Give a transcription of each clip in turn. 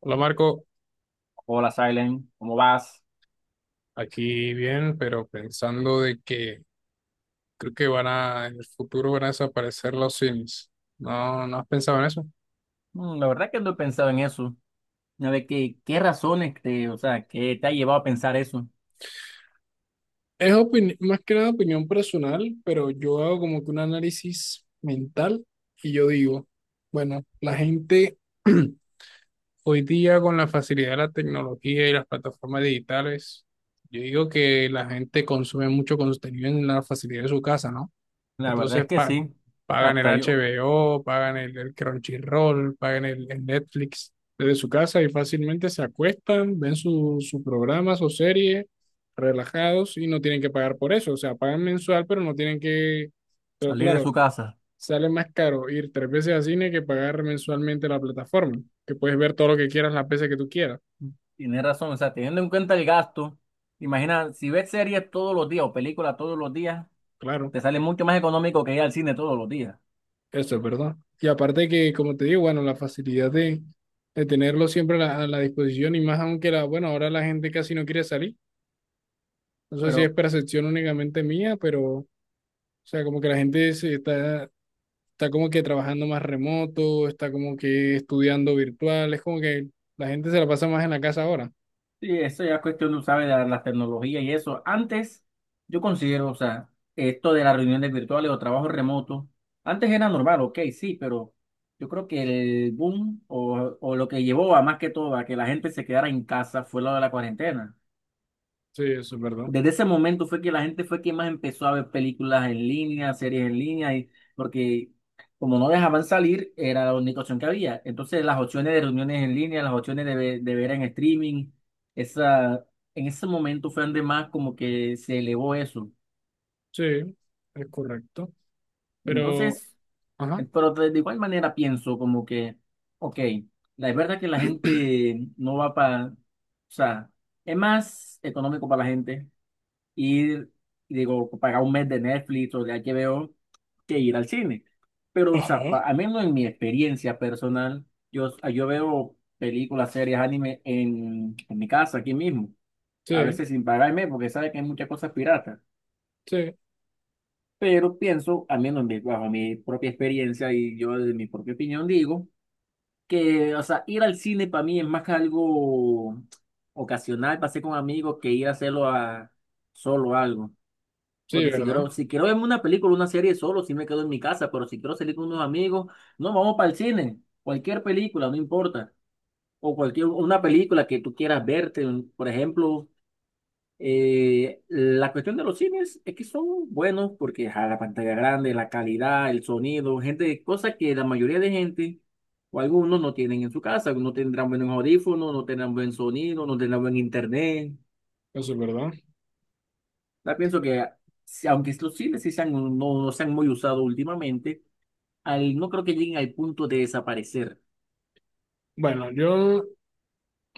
Hola Marco, Hola, Silent, ¿cómo vas? aquí bien, pero pensando de que creo que en el futuro van a desaparecer los Sims. No, ¿no has pensado en eso? La verdad que no he pensado en eso. A ver, ¿qué razones te, o sea, ¿qué te ha llevado a pensar eso? Es más que nada opinión personal, pero yo hago como que un análisis mental y yo digo, bueno, la gente hoy día con la facilidad de la tecnología y las plataformas digitales, yo digo que la gente consume mucho contenido en la facilidad de su casa, ¿no? La verdad Entonces es que pa- sí, Pagan el hasta yo HBO, el Crunchyroll, el Netflix desde su casa y fácilmente se acuestan, ven sus su programas o series relajados y no tienen que pagar por eso. O sea, pagan mensual, pero no tienen que... Pero salir de claro, su casa. sale más caro ir tres veces al cine que pagar mensualmente la plataforma, que puedes ver todo lo que quieras las veces que tú quieras. Tienes razón, o sea, teniendo en cuenta el gasto, imagina, si ves series todos los días o películas todos los días, Claro. te sale mucho más económico que ir al cine todos los días. Eso es verdad. Y aparte que, como te digo, bueno, la facilidad de tenerlo siempre a a la disposición y más aunque bueno, ahora la gente casi no quiere salir. No sé si es Pero percepción únicamente mía, pero, o sea, como que la gente está como que trabajando más remoto, está como que estudiando virtual, es como que la gente se la pasa más en la casa ahora. sí, eso ya es cuestión, tú sabes, de las tecnologías y eso. Antes, yo considero, o sea, esto de las reuniones virtuales o trabajo remoto, antes era normal, ok, sí, pero yo creo que el boom o lo que llevó a más que todo a que la gente se quedara en casa fue lo de la cuarentena. Sí, eso es verdad. Desde ese momento fue que la gente fue que más empezó a ver películas en línea, series en línea, y porque como no dejaban salir, era la única opción que había. Entonces las opciones de reuniones en línea, las opciones de, de ver en streaming, esa, en ese momento fue donde más como que se elevó eso. Sí, es correcto. Pero, Entonces, ajá. pero de igual manera pienso como que, ok, la es verdad que la gente no va para, o sea, es más económico para la gente y digo, pagar un mes de Netflix o de HBO que ir al cine. Pero, o sea, Ajá. pa- al menos en mi experiencia personal, yo, yo veo películas, series, anime en mi casa, aquí mismo, a Sí, veces sin pagarme, porque sabe que hay muchas cosas piratas. sí, Pero pienso, al menos en mi- bajo mi propia experiencia y yo de mi propia opinión digo, que, o sea, ir al cine para mí es más que algo ocasional, pasé con amigos, que ir a hacerlo a solo algo. sí, Porque si ¿verdad? quiero, si quiero verme una película, una serie solo, si me quedo en mi casa, pero si quiero salir con unos amigos, no, vamos para el cine. Cualquier película, no importa. O cualquier, una película que tú quieras verte. Un- Por ejemplo, la cuestión de los cines es que son buenos porque a la pantalla grande, la calidad, el sonido, gente, cosas que la mayoría de gente o algunos no tienen en su casa. No tendrán buenos audífonos, no tendrán buen sonido, no tendrán buen internet. Eso es verdad. Ya pienso que, si- aunque los cines sí sean no, no se han muy usado últimamente, al, no creo que lleguen al punto de desaparecer. Bueno, yo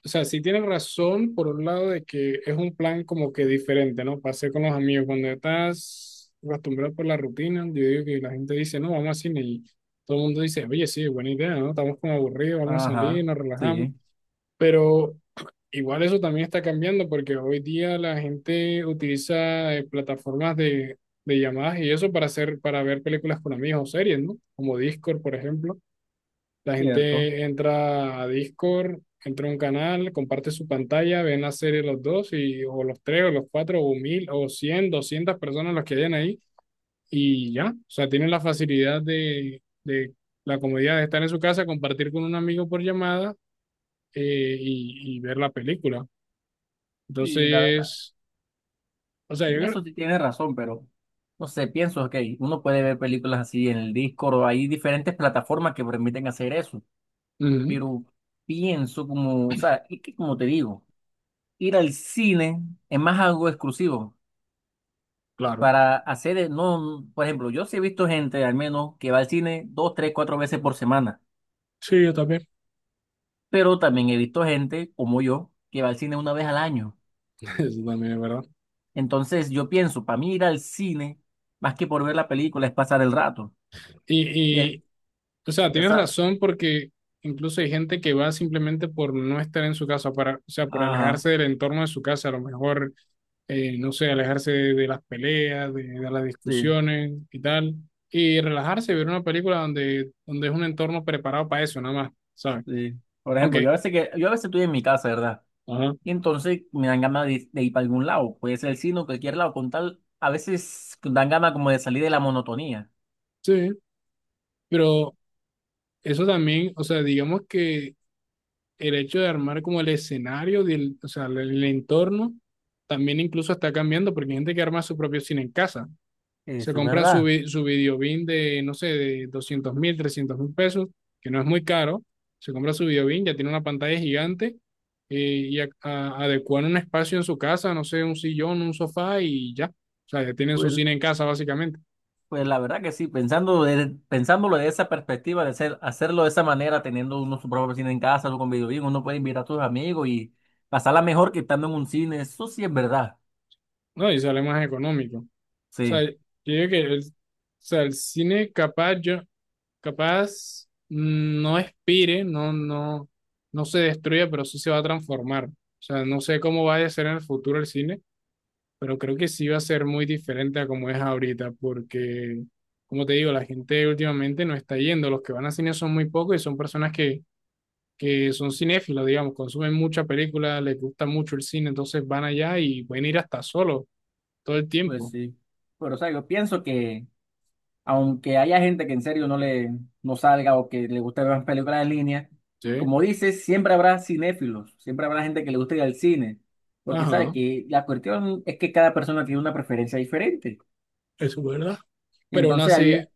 o sea, sí tienes razón por un lado de que es un plan como que diferente, ¿no? Para hacer con los amigos. Cuando estás acostumbrado por la rutina, yo digo que la gente dice, no, vamos al cine y todo el mundo dice, oye, sí, buena idea, ¿no? Estamos como aburridos, vamos a salir, Ajá, nos relajamos. sí, Pero igual eso también está cambiando porque hoy día la gente utiliza plataformas de llamadas y eso para hacer, para ver películas con amigos o series, ¿no? Como Discord, por ejemplo la cierto. gente entra a Discord, entra a un canal, comparte su pantalla, ven la serie los dos, y, o los tres, o los cuatro, o mil, o cien, doscientas personas los que hayan ahí, y ya. O sea, tienen la facilidad de la comodidad de estar en su casa, compartir con un amigo por llamada y ver la película. Y la verdad, Entonces, o sea, yo en creo. eso sí tienes razón, pero no sé, pienso que uno puede ver películas así en el Discord o hay diferentes plataformas que permiten hacer eso, Ujú, pero pienso como, o sea, es que como te digo, ir al cine es más algo exclusivo. claro. Para hacer, e, no, por ejemplo, yo sí he visto gente al menos que va al cine dos, tres, cuatro veces por semana, Sí, yo también. pero también he visto gente como yo que va al cine una vez al año. Eso también es verdad. Entonces yo pienso, para mí ir al cine, más que por ver la película, es pasar el rato. Y Y, el, o sea, ya tienes sabes, razón porque incluso hay gente que va simplemente por no estar en su casa, para, o sea, por ajá, alejarse del entorno de su casa, a lo mejor, no sé, alejarse de las peleas, de las sí, discusiones y tal, y relajarse, ver una película donde, donde es un entorno preparado para eso, nada más, ¿sabes? sí. Por ejemplo, yo Aunque, a veces que, yo a veces estoy en mi casa, ¿verdad? ajá, Y entonces me dan ganas de ir para algún lado, puede ser el cine o cualquier lado, con tal, a veces dan ganas como de salir de la monotonía. sí, pero eso también, o sea, digamos que el hecho de armar como el escenario, del, o sea, el entorno, también incluso está cambiando porque hay gente que arma su propio cine en casa. Se Eso es compran verdad. Su videobin de, no sé, de 200 mil, 300 mil pesos, que no es muy caro. Se compra su videobin, ya tiene una pantalla gigante eh, adecuan un espacio en su casa, no sé, un sillón, un sofá y ya. O sea, ya tienen su Pues, cine en casa básicamente, pues la verdad que sí, pensando de- pensándolo de esa perspectiva, de ser hacerlo de esa manera, teniendo uno su propio cine en casa, o con videojuegos, uno puede invitar a tus amigos y pasarla mejor que estando en un cine, eso sí es verdad. ¿no? Y sale más económico. O sea, Sí, yo digo que o sea, el cine capaz, capaz no expire, no, no, no se destruye, pero sí se va a transformar. O sea, no sé cómo va a ser en el futuro el cine pero creo que sí va a ser muy diferente a como es ahorita, porque, como te digo, la gente últimamente no está yendo, los que van a cine son muy pocos y son personas que son cinéfilos, digamos, consumen mucha película, les gusta mucho el cine, entonces van allá y pueden ir hasta solo todo el pues tiempo. sí. Pero o sea, yo pienso que aunque haya gente que en serio no le no salga o que le guste ver más películas en línea, Sí, como dices, siempre habrá cinéfilos, siempre habrá gente que le guste ir al cine, porque sabe ajá, que la cuestión es que cada persona tiene una preferencia diferente. eso es verdad. Y Pero entonces hay-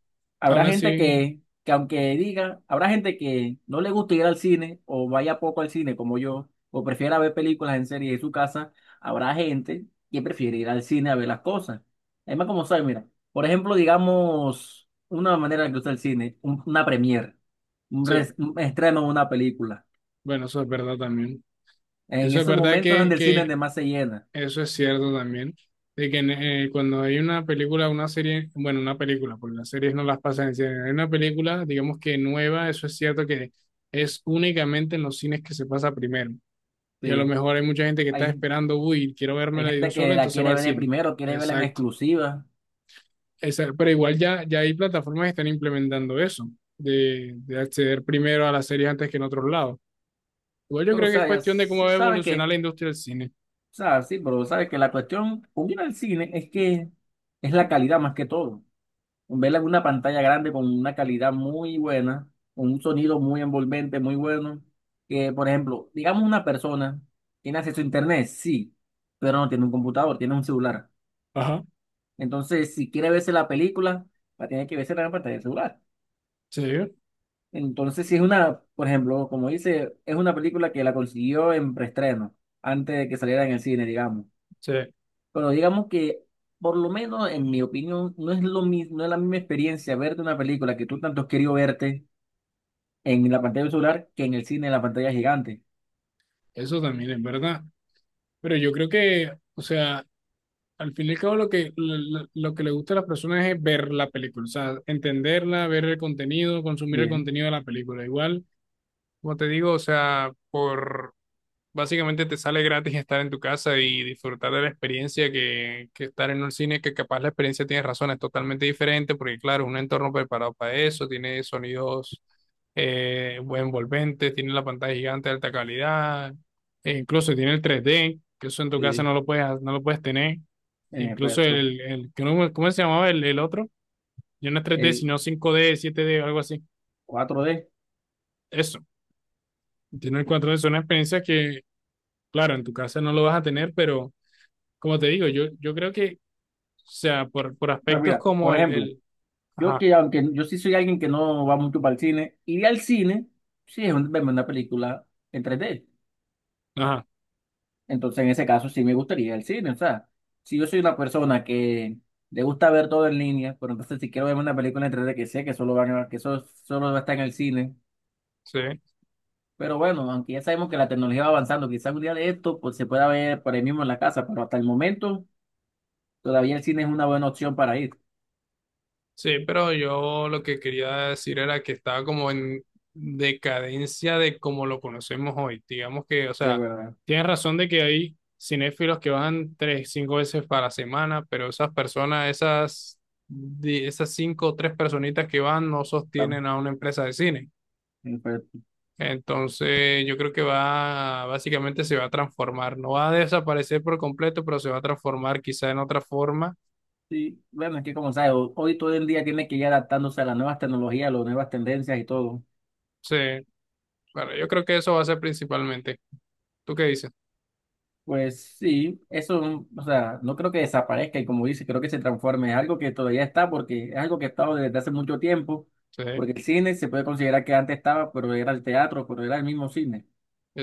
habrá aún gente así, que aunque diga, habrá gente que no le gusta ir al cine o vaya poco al cine como yo, o prefiera ver películas en serie en su casa, habrá gente que prefiere ir al cine a ver las cosas. Además, como sabes, mira, por ejemplo, digamos, una manera de que usa el cine, un- una premiere, un, sí, res- un estreno de una película. bueno, eso es verdad también. En Eso es esos verdad momentos que, donde el cine es que de más se llena. eso es cierto también, de que cuando hay una película, una serie, bueno, una película, porque las series no las pasan en cine, hay una película, digamos que nueva, eso es cierto que es únicamente en los cines que se pasa primero. Y a lo Sí. mejor hay mucha gente que está Hay, esperando, uy, quiero hay vérmela de un gente solo, que la entonces va quiere al ver de cine. primero, quiere verla en Exacto. exclusiva, Pero igual ya hay plataformas que están implementando eso, de acceder primero a las series antes que en otros lados. Igual yo pero o creo que es sea, ya cuestión de cómo sí va a sabe evolucionar que... la industria del cine. O sea, sí, pero sabes que la cuestión con ir al cine es que es la calidad más que todo. Verla en una pantalla grande con una calidad muy buena, con un sonido muy envolvente, muy bueno. Que, por ejemplo, digamos una persona tiene acceso a internet, sí, pero no tiene un computador, tiene un celular. Ajá, Entonces, si quiere verse la película, va a tener que verse en la pantalla del celular. sí, Entonces, si es una, por ejemplo, como dice, es una película que la consiguió en preestreno, antes de que saliera en el cine, digamos. sí. Bueno, digamos que, por lo menos en mi opinión, no es lo mismo, no es la misma experiencia verte una película que tú tanto has querido verte en la pantalla del celular que en el cine, en la pantalla gigante. Eso también es verdad. Pero yo creo que, o sea, al fin y al cabo lo que le gusta a las personas es ver la película, o sea, entenderla, ver el contenido, consumir el Sí, contenido de la película. Igual, como te digo, o sea, por... Básicamente te sale gratis estar en tu casa y disfrutar de la experiencia que estar en un cine, que capaz la experiencia tiene razón, es totalmente diferente, porque claro, es un entorno preparado para eso, tiene sonidos buen envolventes, tiene la pantalla gigante de alta calidad, e incluso tiene el tres d que eso en tu casa sí, no lo puedes, no lo puedes tener, en incluso efecto. El cómo se llamaba el otro? Ya no es tres d El sino cinco d siete d algo así. cuatro d. Eso, tiene el cuatro d es una experiencia que, claro, en tu casa no lo vas a tener, pero como te digo, yo creo que, o sea, por O sea, aspectos mira, como por el, ejemplo, el, yo Ajá, que aunque yo sí soy alguien que no va mucho para el cine, ir al cine, sí es un- verme una película en tres d. ajá, Entonces, en ese caso, sí me gustaría el cine. O sea, si yo soy una persona que le gusta ver todo en línea, pero entonces si quiero ver una película en 3D que sé que solo van a- que eso solo va a estar en el cine. sí, Pero bueno, aunque ya sabemos que la tecnología va avanzando, quizás un día de esto pues, se pueda ver por ahí mismo en la casa, pero hasta el momento todavía el cine es una buena opción para ir. sí, pero yo lo que quería decir era que estaba como en decadencia de como lo conocemos hoy. Digamos que, o Sí, sea, verdad. tienes razón de que hay cinéfilos que van tres, cinco veces para la semana, pero esas personas, esas, esas cinco o tres personitas que van no Claro. sostienen a una empresa de cine. Y, pues, Entonces, yo creo que va, básicamente se va a transformar, no va a desaparecer por completo, pero se va a transformar quizá en otra forma. sí, bueno, es que como sabes, ho- hoy todo el día tiene que ir adaptándose a las nuevas tecnologías, las nuevas tendencias y todo. Sí, bueno, yo creo que eso va a ser principalmente. ¿Tú qué dices? Pues sí, eso, o sea, no creo que desaparezca y como dice, creo que se transforme. Es algo que todavía está porque es algo que ha estado desde hace mucho tiempo, Sí, porque el cine se puede considerar que antes estaba, pero era el teatro, pero era el mismo cine.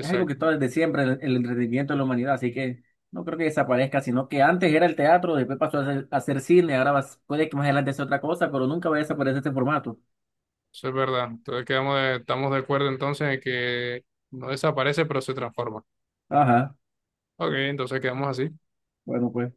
Es algo que está desde siempre, el entretenimiento de la humanidad, así que no creo que desaparezca, sino que antes era el teatro, después pasó a ser cine, ahora vas- puede que más adelante sea otra cosa, pero nunca va a desaparecer este formato. eso es verdad. Entonces, estamos de acuerdo entonces en que no desaparece, pero se transforma. Ajá, Ok, entonces quedamos así. bueno, pues.